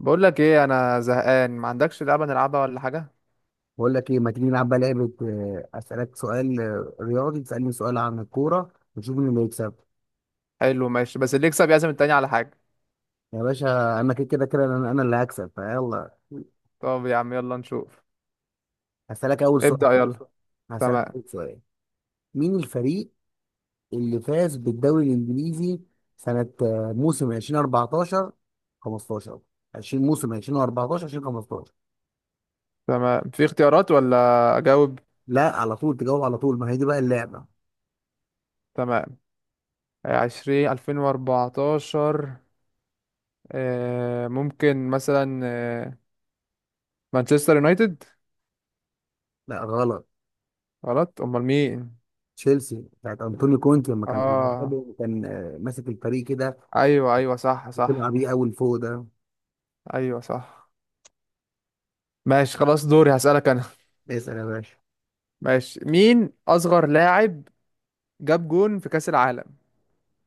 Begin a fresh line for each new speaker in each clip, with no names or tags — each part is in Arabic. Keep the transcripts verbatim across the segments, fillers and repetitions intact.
بقول لك ايه، انا زهقان، ما عندكش لعبه نلعبها ولا حاجه؟
بقول لك ايه، ما تيجي نلعب بقى لعبه. آه، اسالك سؤال آه، رياضي تسالني سؤال عن الكوره ونشوف مين اللي يكسب.
حلو ماشي، بس اللي يكسب يعزم التاني على حاجه.
يا باشا انا كده كده كده انا أنا اللي هكسب فيلا.
طب يا عم يلا نشوف.
هسالك اول سؤال
ابدأ يلا.
هسالك
تمام.
اول سؤال. مين الفريق اللي فاز بالدوري الانجليزي؟ سنه، آه، موسم ألفين وأربعتاشر خمستاشر عشرين موسم ألفين وأربعتاشر ألفين وخمستاشر.
تمام، في اختيارات ولا اجاوب؟
لا، على طول تجاوب، على طول، ما هي دي بقى اللعبه.
تمام. عشرين الفين واربعتاشر. آه، ممكن مثلا آه، مانشستر يونايتد.
لا غلط.
غلط، امال مين؟
تشيلسي بتاعت انطونيو كونتي، لما كان
اه،
بيدربه كان آه، ماسك الفريق كده.
ايوه ايوه صح
بتبقى
صح.
بيه أول فوق ده.
ايوه صح. ماشي خلاص، دوري هسألك انا.
اسأل يا باشا.
ماشي، مين اصغر لاعب جاب جون في كأس العالم؟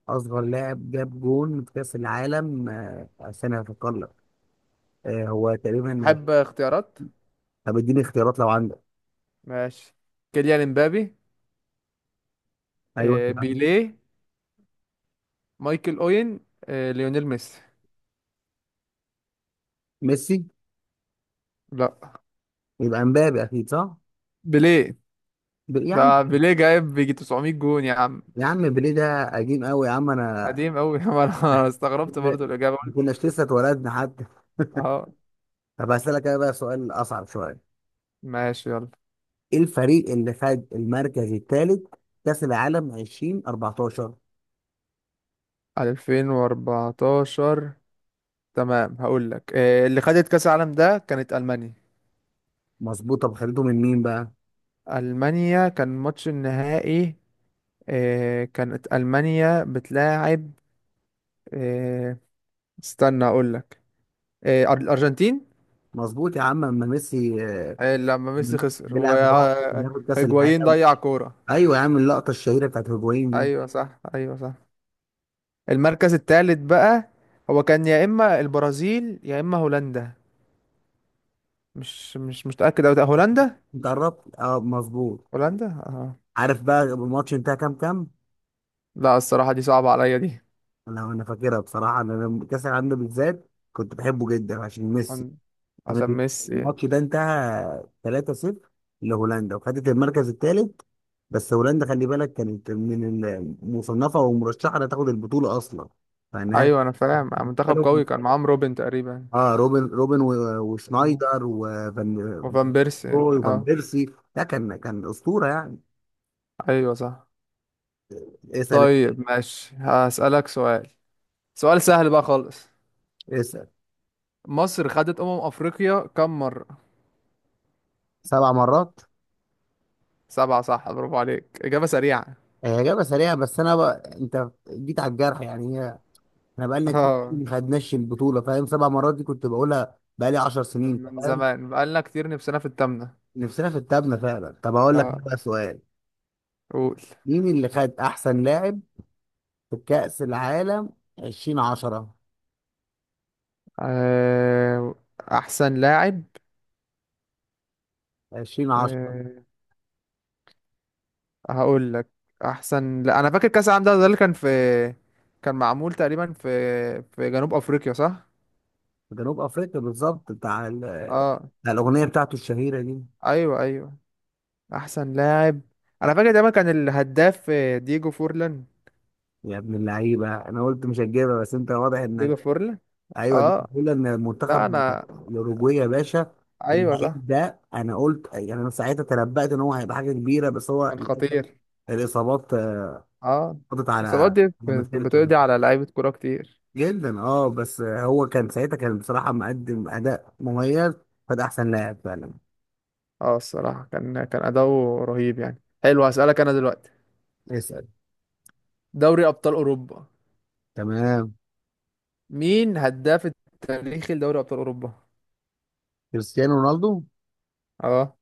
أصغر لاعب جاب جون في كأس العالم، آه، استنى هفكر لك. آه، هو تقريبا.
حب اختيارات.
طب اديني اختيارات لو عندك.
ماشي، كيليان امبابي.
أيوه
آه،
أكيد.
بيليه. مايكل اوين. آه، ليونيل ميسي.
ميسي.
لا،
يبقى مبابي أكيد صح؟
بيليه.
ب- يا عم،
ده بيليه جايب بيجي تسعميه جون يا عم.
يا عم بيليه ده قديم أوي يا عم. أنا
قديم قوي. انا استغربت برضو الاجابه،
ما
قلت
كناش لسه اتولدنا حتى.
اه.
طب هسألك أنا بقى سؤال أصعب شوية.
ماشي يلا.
إيه الفريق اللي خد المركز الثالث كأس العالم ألفين وأربعة عشر؟
ألفين وأربعة عشر. تمام، هقول لك آه، اللي خدت كاس العالم ده كانت المانيا.
مظبوط. طب خدته من مين بقى؟
المانيا كان ماتش النهائي. آه، كانت المانيا بتلاعب. آه، استنى اقول لك. الارجنتين.
مظبوط يا عم، اما ميسي آه،
أي لما ميسي خسر
بيلعب لوحده كان هياخد كاس
وهيجوايين
العالم.
ضيع كورة.
ايوه يا عم، اللقطه الشهيره بتاعت هيجوين دي.
ايوه صح، ايوه صح. المركز الثالث بقى، هو كان يا اما البرازيل يا اما هولندا. مش مش مش متأكد أوي. هولندا.
انت قربت، اه مظبوط.
هولندا اه.
عارف بقى الماتش انتهى كام كام؟
لا، الصراحة دي صعبة عليا دي.
انا انا فاكرها بصراحه، انا لما كاس العالم ده بالذات كنت بحبه جدا عشان ميسي
عن- عشان
كان.
ميسي.
الماتش ده انتهى ثلاثة صفر لهولندا، وخدت المركز الثالث. بس هولندا خلي بالك كانت من المصنفه ومرشحه انها تاخد البطوله اصلا فانها.
ايوه، انا فاهم منتخب قوي، كان معاهم روبن تقريبا.
اه روبن، روبن و-
مم.
وشنايدر وفان
وفان بيرسي
روي وفان
اه.
بيرسي. ده كان كان اسطوره يعني.
ايوه صح.
اسال.
طيب ماشي، هسألك سؤال. سؤال سهل بقى خالص.
اسال.
مصر خدت أمم أفريقيا كم مرة؟
سبع مرات.
سبعة صح، برافو عليك، إجابة سريعة.
هي اجابه سريعه، بس انا بقى انت جيت على الجرح يعني هي. احنا بقالنا كتير
اه.
ما خدناش البطوله، فاهم؟ سبع مرات دي كنت بقولها بقالي عشر سنين،
من
فاهم؟
زمان بقالنا كتير، نفسنا في التامنة.
نفسنا في التابنه فعلا. طب هقول لك
اه،
بقى سؤال.
قول.
مين اللي خد احسن لاعب في كاس العالم ألفين وعشرة؟
آه، أحسن لاعب.
ألفين وعشرة
أه، هقول لك. أحسن، لا أنا فاكر كأس العالم ده، ده اللي كان في، كان معمول تقريبا في في جنوب أفريقيا صح؟
في جنوب افريقيا بالظبط، بتاع ال-
اه.
بتاع الاغنيه بتاعته الشهيره دي.
أيوه أيوه. أحسن لاعب، أنا فاكر دايما كان الهداف آه، ديجو فورلان.
يا ابن اللعيبه، انا قلت مش هتجيبها بس انت واضح انك.
ديجو فورلان
ايوه، دي
اه.
بقول ان
لا
المنتخب
أنا.
الاوروجواي يا باشا.
أيوه صح.
اللعيب ده انا قلت يعني، انا ساعتها تنبأت ان هو هيبقى حاجه كبيره، بس هو
كان
للاسف
خطير.
الاصابات آه،
اه،
قضت على
الإصابات دي
على
بت-
مسيرته
بتقضي على لعيبة كورة كتير.
جدا. اه بس آه، هو كان ساعتها كان بصراحه مقدم اداء مميز، فده احسن لاعب فعلا.
اه، الصراحة كان كان أداؤه رهيب يعني. حلو هسألك أنا دلوقتي،
اسال.
دوري أبطال أوروبا.
تمام.
مين هداف التاريخي لدوري أبطال أوروبا؟
كريستيانو رونالدو.
اه.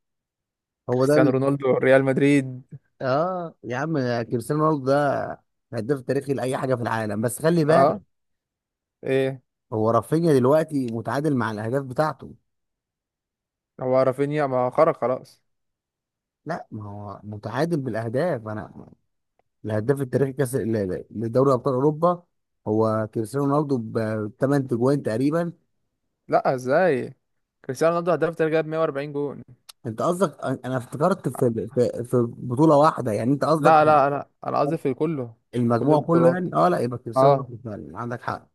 هو ده
كريستيانو
اللي.
رونالدو ريال مدريد.
اه يا عم كريستيانو رونالدو ده هداف تاريخي لاي حاجه في العالم، بس خلي
اه،
بالك
ايه؟
هو رافينيا دلوقتي متعادل مع الاهداف بتاعته.
هو رافينيا ما خرج خلاص؟
لا، ما هو متعادل بالاهداف. انا الهداف التاريخي كاس ل- ل- لدوري ابطال اوروبا هو كريستيانو رونالدو، ب تمانية تجوان تقريبا.
لا، ازاي؟ كريستيانو رونالدو هداف التاريخي، جاب مائة وأربعين جون.
انت قصدك، انا أنا افتكرت في في في بطوله واحده يعني، انت قصدك
لا لا لا، انا قصدي في كله. كل
المجموع كله
البطولات.
يعني. اه، لا يبقى كريستيانو
اه.
رونالدو فعلا، عندك حق.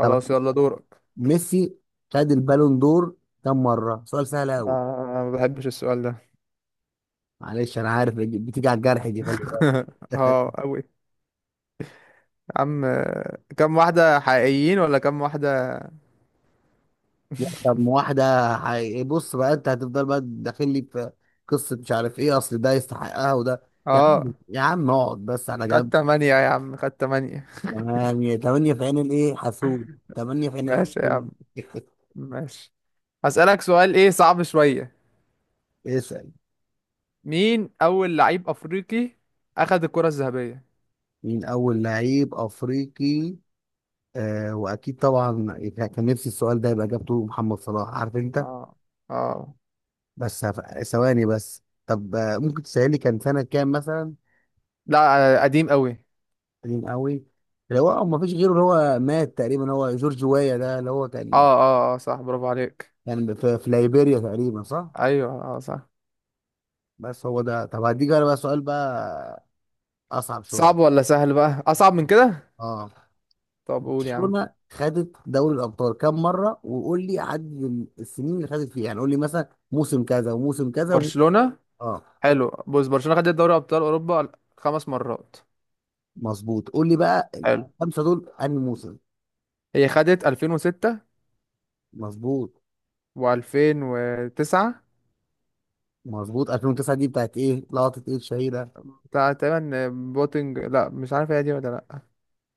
طب
يلا دورك.
ميسي خد البالون دور كم مره؟ سؤال سهل قوي.
آه، ما بحبش السؤال ده.
معلش انا عارف بتيجي على الجرح دي، خلي بالك.
اه قوي. عم، كم واحدة حقيقيين ولا كم واحدة؟
لا طب ما واحدة، هي- بص بقى، انت هتفضل بقى داخل لي في قصة مش عارف ايه، اصل ده يستحقها وده. يا عم،
اه،
يا عم، اقعد بس على جنب.
خدت تمانية يا عم، خدت تمانية.
تمام. تمانية في عين الايه حسود. تمانية في عين
ماشي يا
الحسود.
عم. ماشي، هسألك سؤال ايه صعب شوية.
اسأل.
مين أول لعيب أفريقي أخد الكرة الذهبية؟
مين أول لعيب أفريقي؟ آه وأكيد طبعا، كان نفسي السؤال ده يبقى إجابته محمد صلاح عارف أنت.
اه، اه.
بس هف- ثواني بس. طب آه ممكن تسألي كان سنة كام مثلا.
لا، قديم قوي.
قديم قوي. اللي هو ما فيش غيره، اللي هو مات تقريبا، هو جورج وايا ده اللي هو
اه
كان
اه اه صح، برافو عليك.
يعني في, في ليبيريا تقريبا صح.
ايوه اه صح.
بس هو ده. طب هديك انا بقى سؤال بقى اصعب شويه.
صعب ولا سهل بقى؟ اصعب من كده.
اه.
طب قول يا عم.
برشلونه خدت دوري الابطال كام مره؟ وقول لي عدد ال- السنين اللي خدت فيها، يعني قول لي مثلا موسم كذا وموسم كذا وم...
برشلونة.
اه
حلو، بص، برشلونة خدت دوري ابطال اوروبا خمس مرات.
مظبوط. قول لي بقى
حلو.
الخمسه دول انهي موسم.
هي خدت الفين وستة.
مظبوط.
و2009.
مظبوط. ألفين وتسعة دي بتاعت ايه لقطه ايه الشهيره؟
بتاع تقريبا بوتنج، لا مش عارف هي دي ولا لا.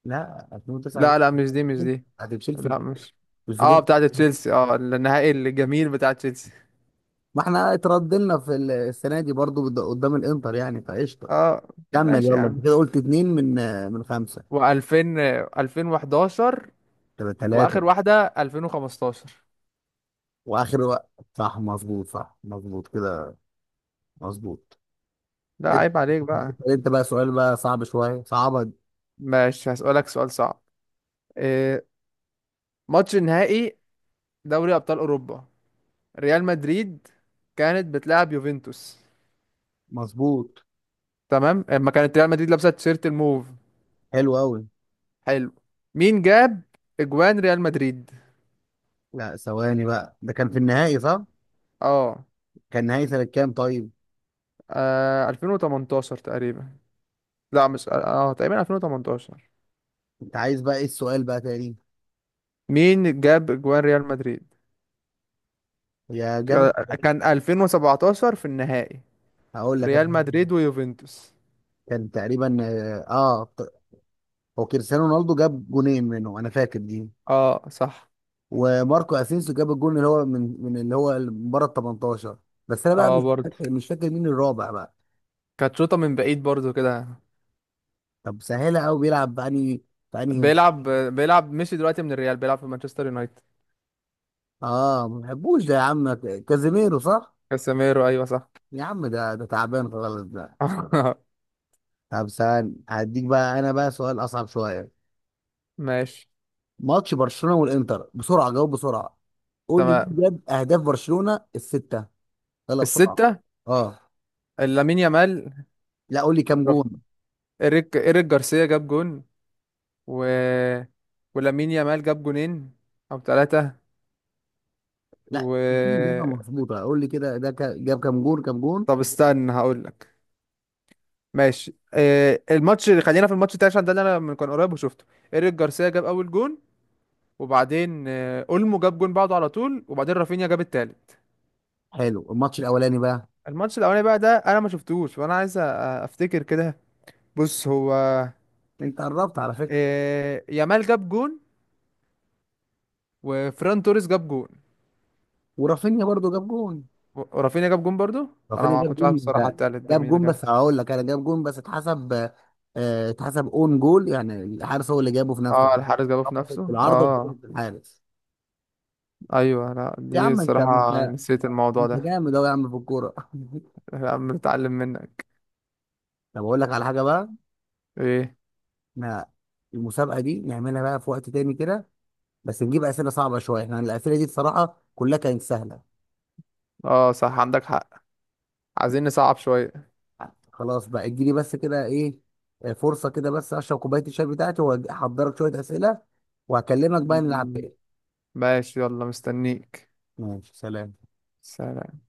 لا ألفين وتسعة دي
لا لا، مش دي مش دي.
هتتشيل في
لا مش، اه
الفضيحه.
بتاعة تشيلسي، اه النهائي الجميل بتاع تشيلسي.
ما احنا اتردلنا في السنه دي برضو، قد- قدام الانتر يعني فقشطه.
اه.
كمل
ماشي يا
يلا، انت
عم.
كده قلت اتنين من آه، من خمسة.
و2000 ألفين وأحد عشر.
تبقى
واخر
تلاتة.
واحدة الفين وخمستاشر.
واخر وقت. صح مظبوط، صح مظبوط كده. مظبوط.
لا،
انت
عيب عليك بقى.
انت بقى سؤال بقى صعب شوية صعبة.
ماشي، هسألك سؤال صعب. إيه ماتش النهائي دوري أبطال أوروبا، ريال مدريد كانت بتلعب يوفنتوس؟
مظبوط.
تمام، اما كانت ريال مدريد لابسة تيشيرت الموف.
حلو قوي.
حلو. مين جاب اجوان ريال مدريد؟
لا ثواني بقى، ده كان في النهائي صح؟
اه.
كان نهائي سنة كام طيب؟
آه، الفين وتمنتاشر تقريبا. لا مش اه، تقريبا الفين وتمنتاشر.
انت عايز بقى ايه السؤال بقى تاني؟
مين جاب اجوان ريال مدريد؟
يا جاب.
كان الفين وسبعتاشر في النهائي.
هقول لك انا.
ريال مدريد ويوفنتوس.
كان تقريبا اه، آه، هو كريستيانو رونالدو جاب جونين منه انا فاكر دي.
اه صح.
وماركو اسينسيو جاب الجون اللي هو من من اللي هو اللي من بره ال تمنتاشر. بس انا بقى
اه
مش
برضه،
فاكر مش فاكر مين الرابع بقى.
كانت شوطة من بعيد برضه كده.
طب سهله قوي. بيلعب بأني، بأني
بيلعب. بيلعب مشي دلوقتي من الريال، بيلعب في مانشستر يونايتد.
اه ما بحبوش ده يا عم. كازيميرو صح.
كاسيميرو ايوه صح.
يا عم ده ده تعبان خالص ده. طب سهل، هديك بقى انا بقى سؤال اصعب شويه.
ماشي.
ماتش برشلونه والانتر بسرعه، جاوب بسرعه. قول لي
تمام.
مين جاب اهداف برشلونه السته. يلا بسرعه.
الستة.
اه.
لامين يامال.
لا قول لي كام
رف-
جون.
إيريك إيريك جارسيا جاب جون. و... ولامين يامال جاب جونين او ثلاثة.
لا، دي اجابه
و،
مظبوطه، قول لي كده، ده كا- جاب كام جون كام جون.
طب استنى هقول لك. ماشي، آه، الماتش اللي خلينا في الماتش بتاعي عشان ده اللي انا من كان قريب وشفته. ايريك جارسيا جاب اول جون. وبعدين آه، اولمو جاب جون بعده على طول. وبعدين رافينيا جاب التالت.
حلو. الماتش الاولاني بقى.
الماتش الاولاني بقى ده انا ما شفتوش، فانا عايز أ- افتكر كده. بص هو،
انت قربت على فكره.
آه، يامال جاب جون. وفران توريس جاب جون.
ورافينيا برضو جاب جون.
و- ورافينيا جاب جون برضو. انا
رافينيا
ما
جاب
كنتش عارف
جون
الصراحة،
ده
التالت ده
جاب
مين اللي
جون،
جاب.
بس هقول لك انا جاب جون بس اتحسب، آه، اتحسب اون جول يعني الحارس هو اللي جابه في نفسه.
اه الحارس جابه في
خبطت في
نفسه
العارضه وخبطت
اه.
في الحارس.
ايوه، لا
يا
دي
عم انت انت
صراحة نسيت الموضوع
انت
ده.
جامد اهو يا عم في الكوره.
لا، بنتعلم منك.
طب اقول لك على حاجه بقى.
ايه؟
احنا المسابقه دي نعملها بقى في وقت تاني كده، بس نجيب اسئله صعبه شويه. يعني الاسئله دي بصراحه كلها كانت سهله.
اه صح، عندك حق. عايزين نصعب شوية.
خلاص بقى اديني بس كده ايه، آه، فرصه كده بس اشرب كوبايه الشاي بتاعتي واحضرك شويه اسئله وهكلمك بقى نلعب
م-
تاني.
ماشي يلا، مستنيك.
ماشي، سلام.
سلام.